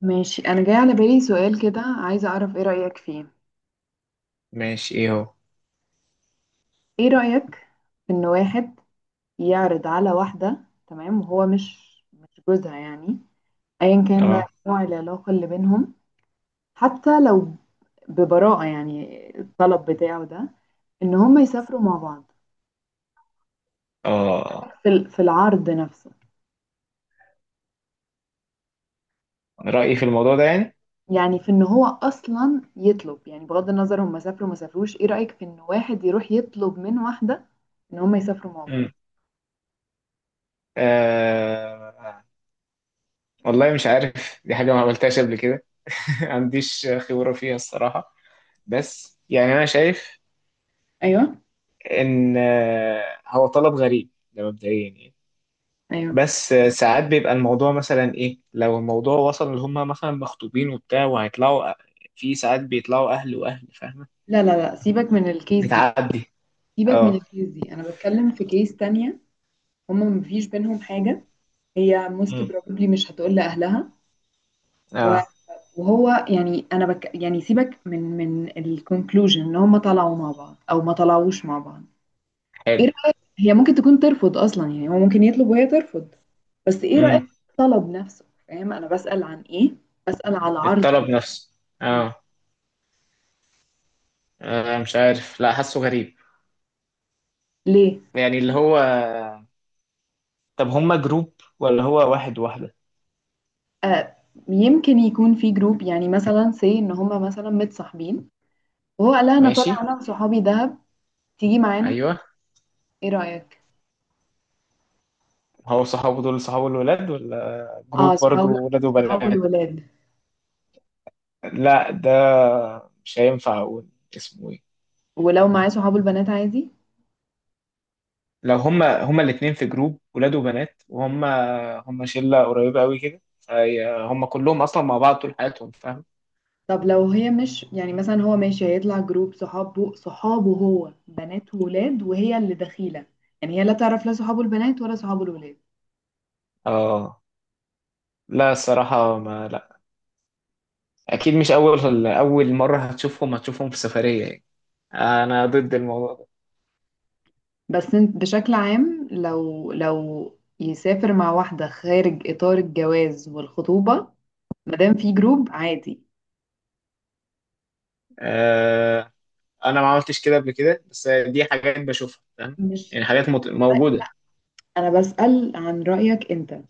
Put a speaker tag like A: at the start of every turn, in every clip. A: ماشي، انا جاي على بالي سؤال كده، عايزه اعرف ايه رأيك فيه.
B: ماشي. ايه هو؟
A: ايه رأيك في ان واحد يعرض على واحدة، تمام، وهو مش جوزها، يعني ايا كان بقى
B: اه
A: نوع العلاقة اللي بينهم، حتى لو ببراءة يعني الطلب بتاعه ده، ان هم يسافروا مع بعض.
B: اه
A: في العرض نفسه،
B: رأيي في الموضوع ده يعني.
A: يعني في ان هو اصلا يطلب، يعني بغض النظر هم سافروا ما سافروش. ايه رأيك في ان واحد يروح يطلب من واحدة ان هم يسافروا مع بعض؟
B: مم. آه، والله مش عارف، دي حاجة ما عملتهاش قبل كده. ما عنديش خبرة فيها الصراحة. بس يعني أنا شايف
A: ايوه،
B: إن آه، هو طلب غريب ده مبدئيا يعني.
A: ايوه.
B: بس آه، ساعات بيبقى الموضوع مثلا إيه، لو الموضوع وصل إن هما مثلا مخطوبين وبتاع وهيطلعوا في ساعات بيطلعوا أهل وأهل، فاهمة؟
A: لا لا لا، سيبك من الكيس دي.
B: بتعدي.
A: سيبك من
B: اه.
A: الكيس دي، انا بتكلم في كيس تانية. هما مفيش بينهم حاجة. هي most
B: مم.
A: probably مش هتقول لأهلها. و-
B: اه.
A: وهو يعني انا بك، يعني سيبك من الكونكلوجن ان هما طلعوا مع بعض او ما طلعوش مع بعض. ايه
B: حلو.
A: رأيك؟ هي ممكن تكون ترفض اصلا، يعني هو ممكن يطلب وهي ترفض، بس ايه رأيك
B: مم.
A: في الطلب نفسه؟ فاهم انا بسأل عن ايه؟ بسأل على العرض
B: الطلب
A: نفسه.
B: نفسه. اه. آه، مش عارف، لا، حاسه غريب.
A: ليه؟
B: يعني اللي هو، طب هما جروب ولا هو واحد واحدة؟
A: آه، يمكن يكون في جروب، يعني مثلا سي ان هما مثلا متصاحبين وهو قال لها انا طالع
B: ماشي.
A: انا وصحابي دهب، تيجي معانا.
B: ايوه.
A: ايه رأيك؟
B: هو صحابه دول صحابه الولاد ولا
A: اه،
B: جروب برضو
A: صحابه
B: ولاد
A: صحابه
B: وبنات؟
A: الولاد.
B: لا، ده مش هينفع اقول اسمه ايه.
A: ولو معاه صحابه البنات عادي.
B: لو هما الاتنين في جروب ولاد وبنات، وهما هما شلة قريبة قوي كده، هما كلهم اصلا مع بعض طول حياتهم، فاهم؟
A: طب لو هي مش يعني مثلا، هو ماشي هيطلع جروب صحابه هو بنات وولاد وهي اللي دخيلة، يعني هي لا تعرف لا صحابه البنات ولا صحابه الولاد.
B: اه. لا الصراحة ما لا، اكيد مش اول مره هتشوفهم في سفريه يعني. انا ضد الموضوع ده.
A: بس انت بشكل عام، لو يسافر مع واحدة خارج إطار الجواز والخطوبة مادام في جروب عادي.
B: آه، انا ما عملتش كده قبل كده، بس دي حاجات بشوفها، فاهم؟
A: مش،
B: يعني حاجات موجوده.
A: انا بسأل عن رأيك انت،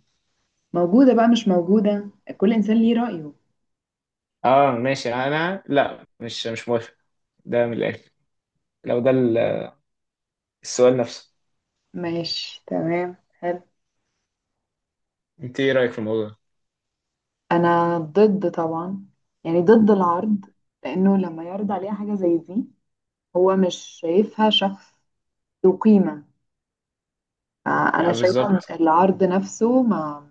A: موجودة بقى مش موجودة، كل إنسان ليه رأيه.
B: اه ماشي، انا لا، مش موافق، ده من الاخر. لو ده السؤال نفسه.
A: ماشي، تمام، حلو.
B: انت ايه رايك في الموضوع ده؟
A: أنا ضد طبعا، يعني ضد العرض. لأنه لما يعرض عليها حاجة زي دي، هو مش شايفها شخص ذو قيمة. آه، أنا
B: لا
A: شايفة إن
B: بالظبط.
A: العرض نفسه ما،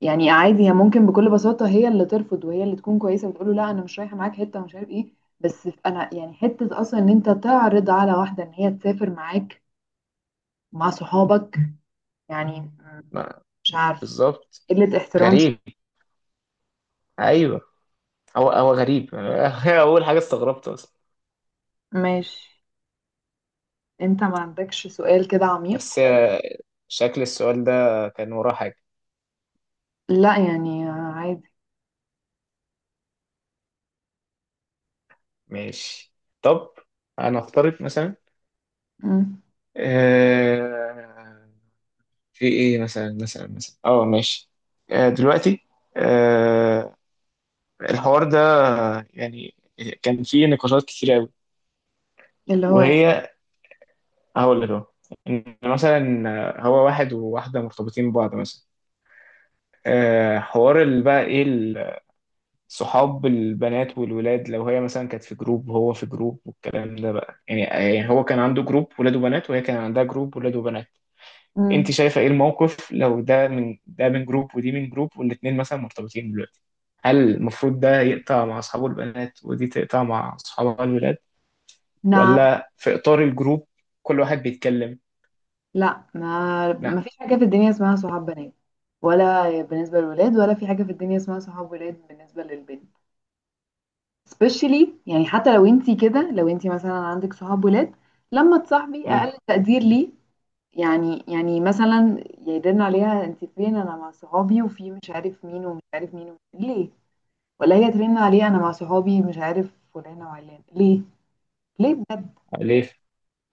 A: يعني عادي، هي ممكن بكل بساطة هي اللي ترفض، وهي اللي تكون كويسة وتقول له لا، أنا مش رايحة معاك حتة ومش عارف إيه. بس أنا يعني حتة أصلا إن أنت تعرض على واحدة إن هي تسافر معاك مع صحابك، يعني
B: لا
A: مش عارف،
B: بالظبط،
A: قلة احترام شوية.
B: غريب. ايوه، هو غريب. اول حاجه استغربت اصلا،
A: ماشي. انت ما عندكش سؤال كده عميق؟
B: بس شكل السؤال ده كان وراه حاجه.
A: لا يعني آه، عادي.
B: ماشي. طب انا افترض مثلا،
A: مم.
B: آه، في ايه مثلا، اه ماشي. آه دلوقتي، آه، الحوار ده يعني، كان فيه نقاشات كتير قوي،
A: اللي هو ايه؟
B: وهي، هقول لك اهو، إن مثلا هو واحد وواحده مرتبطين ببعض مثلا. آه، حوار اللي بقى ايه، صحاب البنات والولاد، لو هي مثلا كانت في جروب وهو في جروب، والكلام ده بقى، يعني هو كان عنده جروب ولاد وبنات، وهي كان عندها جروب ولاد وبنات. انت
A: مم.
B: شايفه ايه الموقف، لو ده من ده، من جروب ودي من جروب، والاتنين مثلا مرتبطين دلوقتي؟ هل المفروض ده يقطع مع اصحابه البنات ودي تقطع مع اصحابها الولاد،
A: نعم.
B: ولا في اطار الجروب كل واحد بيتكلم؟
A: لا، ما
B: نعم.
A: فيش حاجة في الدنيا اسمها صحاب بنات ولا بالنسبة للولاد، ولا في حاجة في الدنيا اسمها صحاب ولاد بالنسبة للبنت. especially يعني حتى لو انتي كده، لو انتي مثلا عندك صحاب ولاد، لما تصاحبي
B: امم.
A: اقل تقدير، ليه؟ يعني يعني مثلا يرن عليها انت فين؟ انا مع صحابي وفي مش عارف مين ومش عارف مين ومش-، ليه؟ ولا هي ترن عليها انا مع صحابي، مش عارف فلانة وعلان، ليه؟ ليه بجد؟
B: ليه؟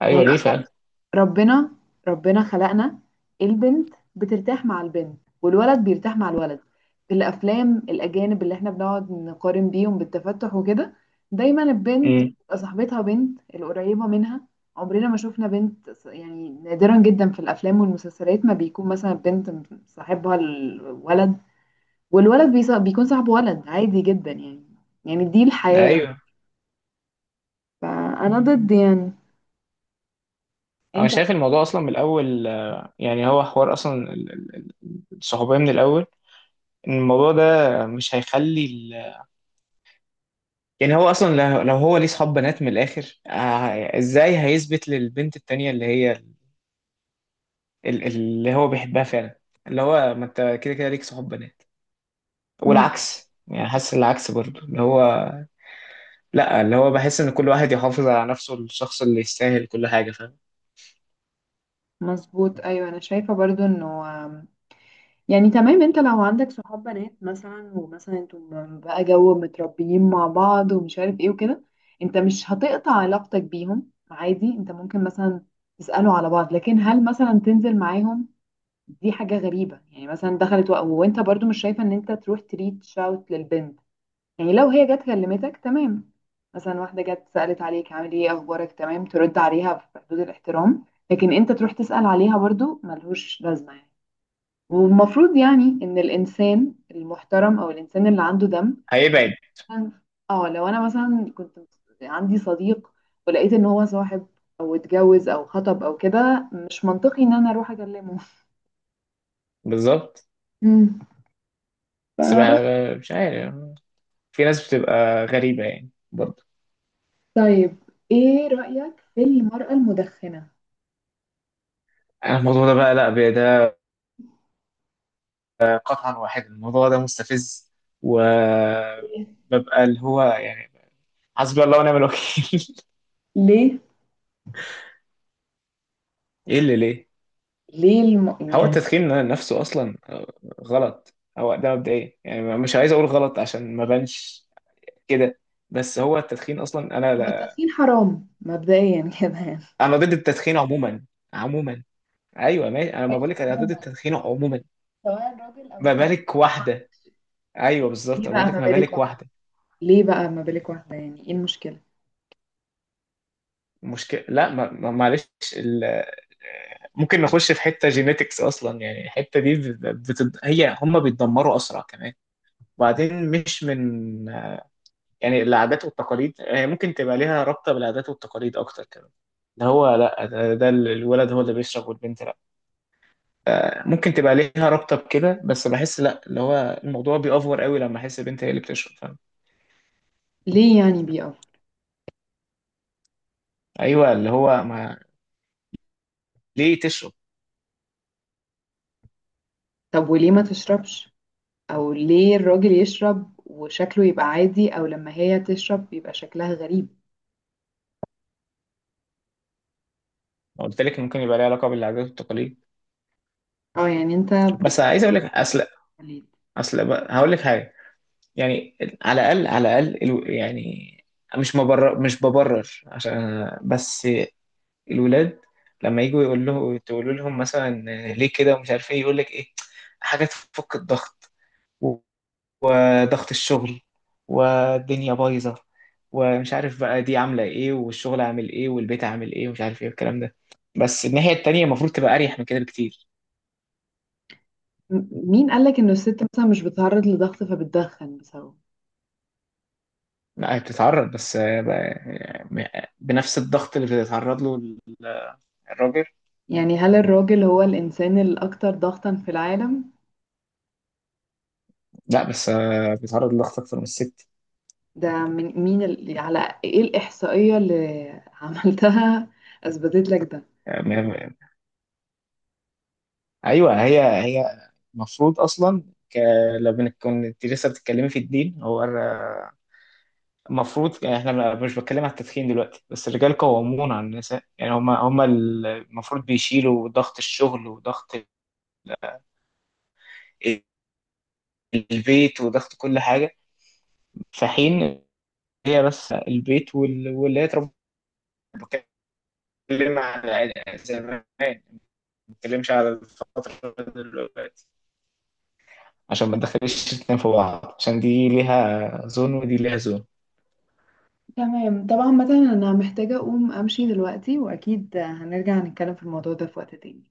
B: ايوه
A: يعني
B: ليه
A: اصلا،
B: فعلا.
A: ربنا ربنا خلقنا، البنت بترتاح مع البنت والولد بيرتاح مع الولد. في الافلام الاجانب اللي احنا بنقعد نقارن بيهم بالتفتح وكده، دايما البنت
B: امم.
A: بتبقى صاحبتها بنت القريبه منها. عمرنا ما شفنا بنت ص-، يعني نادرا جدا في الافلام والمسلسلات ما بيكون مثلا بنت صاحبها الولد، والولد بيص- بيكون صاحبه ولد. عادي جدا يعني، يعني دي الحياه.
B: ايوه،
A: فانا ضد يعني.
B: انا
A: انت؟
B: شايف الموضوع اصلا من الاول آه، يعني هو حوار اصلا الصحوبيه من الاول، ان الموضوع ده مش هيخلي يعني هو اصلا، لو هو ليه صحاب بنات، من الاخر آه، ازاي هيثبت للبنت التانية اللي هي اللي هو بيحبها فعلا؟ اللي هو ما انت كده كده ليك صحاب بنات.
A: مظبوط.
B: والعكس يعني، حاسس العكس برضو اللي هو، لا، اللي هو بحس ان كل واحد يحافظ على نفسه، الشخص اللي يستاهل كل حاجة، فاهم؟
A: مظبوط، ايوه. انا شايفه برضو انه، يعني تمام، انت لو عندك صحاب بنات مثلا، ومثلا انتوا بقى جو متربيين مع بعض ومش عارف ايه وكده، انت مش هتقطع علاقتك بيهم عادي، انت ممكن مثلا تسألوا على بعض، لكن هل مثلا تنزل معاهم؟ دي حاجة غريبة. يعني مثلا دخلت وق-، وانت برضو مش شايفة ان انت تروح تريتش اوت للبنت. يعني لو هي جت كلمتك تمام، مثلا واحدة جت سألت عليك عامل ايه اخبارك، تمام، ترد عليها في حدود الاحترام، لكن انت تروح تسأل عليها برضو ملهوش لازمة يعني. والمفروض يعني ان الانسان المحترم، او الانسان اللي عنده دم،
B: هيبعد
A: اه لو انا مثلا كنت عندي صديق ولقيت ان هو صاحب او اتجوز او خطب او كده، مش منطقي ان انا اروح اكلمه.
B: بالظبط.
A: مم. فبس.
B: مش عارف، في ناس بتبقى غريبة يعني برضو.
A: طيب، ايه رأيك في المرأة المدخنة؟
B: أنا الموضوع ده بقى، لا ده قطعا واحد، الموضوع ده مستفز،
A: ليه؟
B: وببقى اللي هو يعني، حسبي الله ونعم الوكيل.
A: ليه؟
B: ايه اللي ليه؟
A: ليه الم...،
B: هو
A: يعني
B: التدخين نفسه اصلا آه، غلط هو ده مبدئيا يعني، مش عايز اقول غلط عشان ما بانش كده. بس هو التدخين اصلا، انا
A: هو
B: لا،
A: التدخين حرام مبدئيا كده يعني؟
B: انا ضد التدخين عموما. عموما، ايوه ماشي، انا ما
A: ماشي،
B: بقولك انا ضد
A: عموما،
B: التدخين عموما،
A: سواء راجل او
B: ما
A: ست.
B: بالك واحده. ايوه
A: ايه
B: بالظبط،
A: بقى
B: بقول
A: ما
B: لك ما
A: بالك؟
B: بالك واحده.
A: ليه بقى ما بالك واحدة؟ يعني ايه المشكلة؟
B: مشكله لا، ما... ما... معلش، ال... ممكن نخش في حته جينيتكس اصلا، يعني الحته دي هي هم بيتدمروا اسرع كمان. وبعدين مش من، يعني العادات والتقاليد، هي ممكن تبقى ليها رابطة بالعادات والتقاليد أكتر كده. ده هو لأ، ده الولد هو اللي بيشرب والبنت لأ. آه، ممكن تبقى ليها رابطة بكده، بس بحس لأ، اللي هو الموضوع بيأفور قوي لما أحس البنت هي اللي بتشرب، فاهم؟
A: ليه يعني بي اوفر؟
B: أيوه اللي هو ما، ليه تشرب؟
A: طب وليه ما تشربش؟ او ليه الراجل يشرب وشكله يبقى عادي، او لما هي تشرب يبقى شكلها غريب؟
B: ما قلت لك ممكن يبقى ليها علاقة بالعادات والتقاليد.
A: اه يعني انت
B: بس عايز
A: بتفكر،
B: أقول لك أصل،
A: ليه؟
B: هقول لك حاجة. يعني على الأقل، على الأقل يعني مش مبرر، مش ببرر عشان، بس الولاد لما يجوا، يقول له تقولوا لهم مثلا ليه كده ومش عارف ايه، يقول لك ايه، حاجات تفك الضغط، وضغط الشغل، والدنيا بايظه، ومش عارف بقى دي عامله ايه والشغل عامل ايه والبيت عامل ايه ومش عارف ايه الكلام ده. بس الناحيه التانيه المفروض تبقى اريح من كده بكتير.
A: مين قالك ان الست مثلا مش بتتعرض لضغط فبتدخن بسببه؟
B: لا هي بتتعرض، بس آه، يعني بنفس الضغط اللي بيتعرض له الراجل.
A: يعني هل الراجل هو الانسان الاكثر ضغطا في العالم؟
B: لا بس آه، بيتعرض لضغط اكتر من الست.
A: ده من مين ال...، على ايه الاحصائية اللي عملتها اثبتت لك ده؟
B: يعني ايوه هي المفروض اصلا، ك... لو كنت لسه بتتكلمي في الدين، هو المفروض احنا مش بتكلم على التدخين دلوقتي، بس الرجال قوامون على النساء، يعني هم المفروض بيشيلوا ضغط الشغل وضغط البيت وضغط كل حاجه. في حين هي بس البيت واللي هي تربى. بتكلم على زمان، ما بتكلمش على الفتره دلوقتي، عشان ما تدخليش الاتنين في بعض، عشان دي ليها زون ودي ليها زون.
A: تمام، طبعا مثلا انا محتاجة اقوم امشي دلوقتي، واكيد هنرجع نتكلم في الموضوع ده في وقت تاني.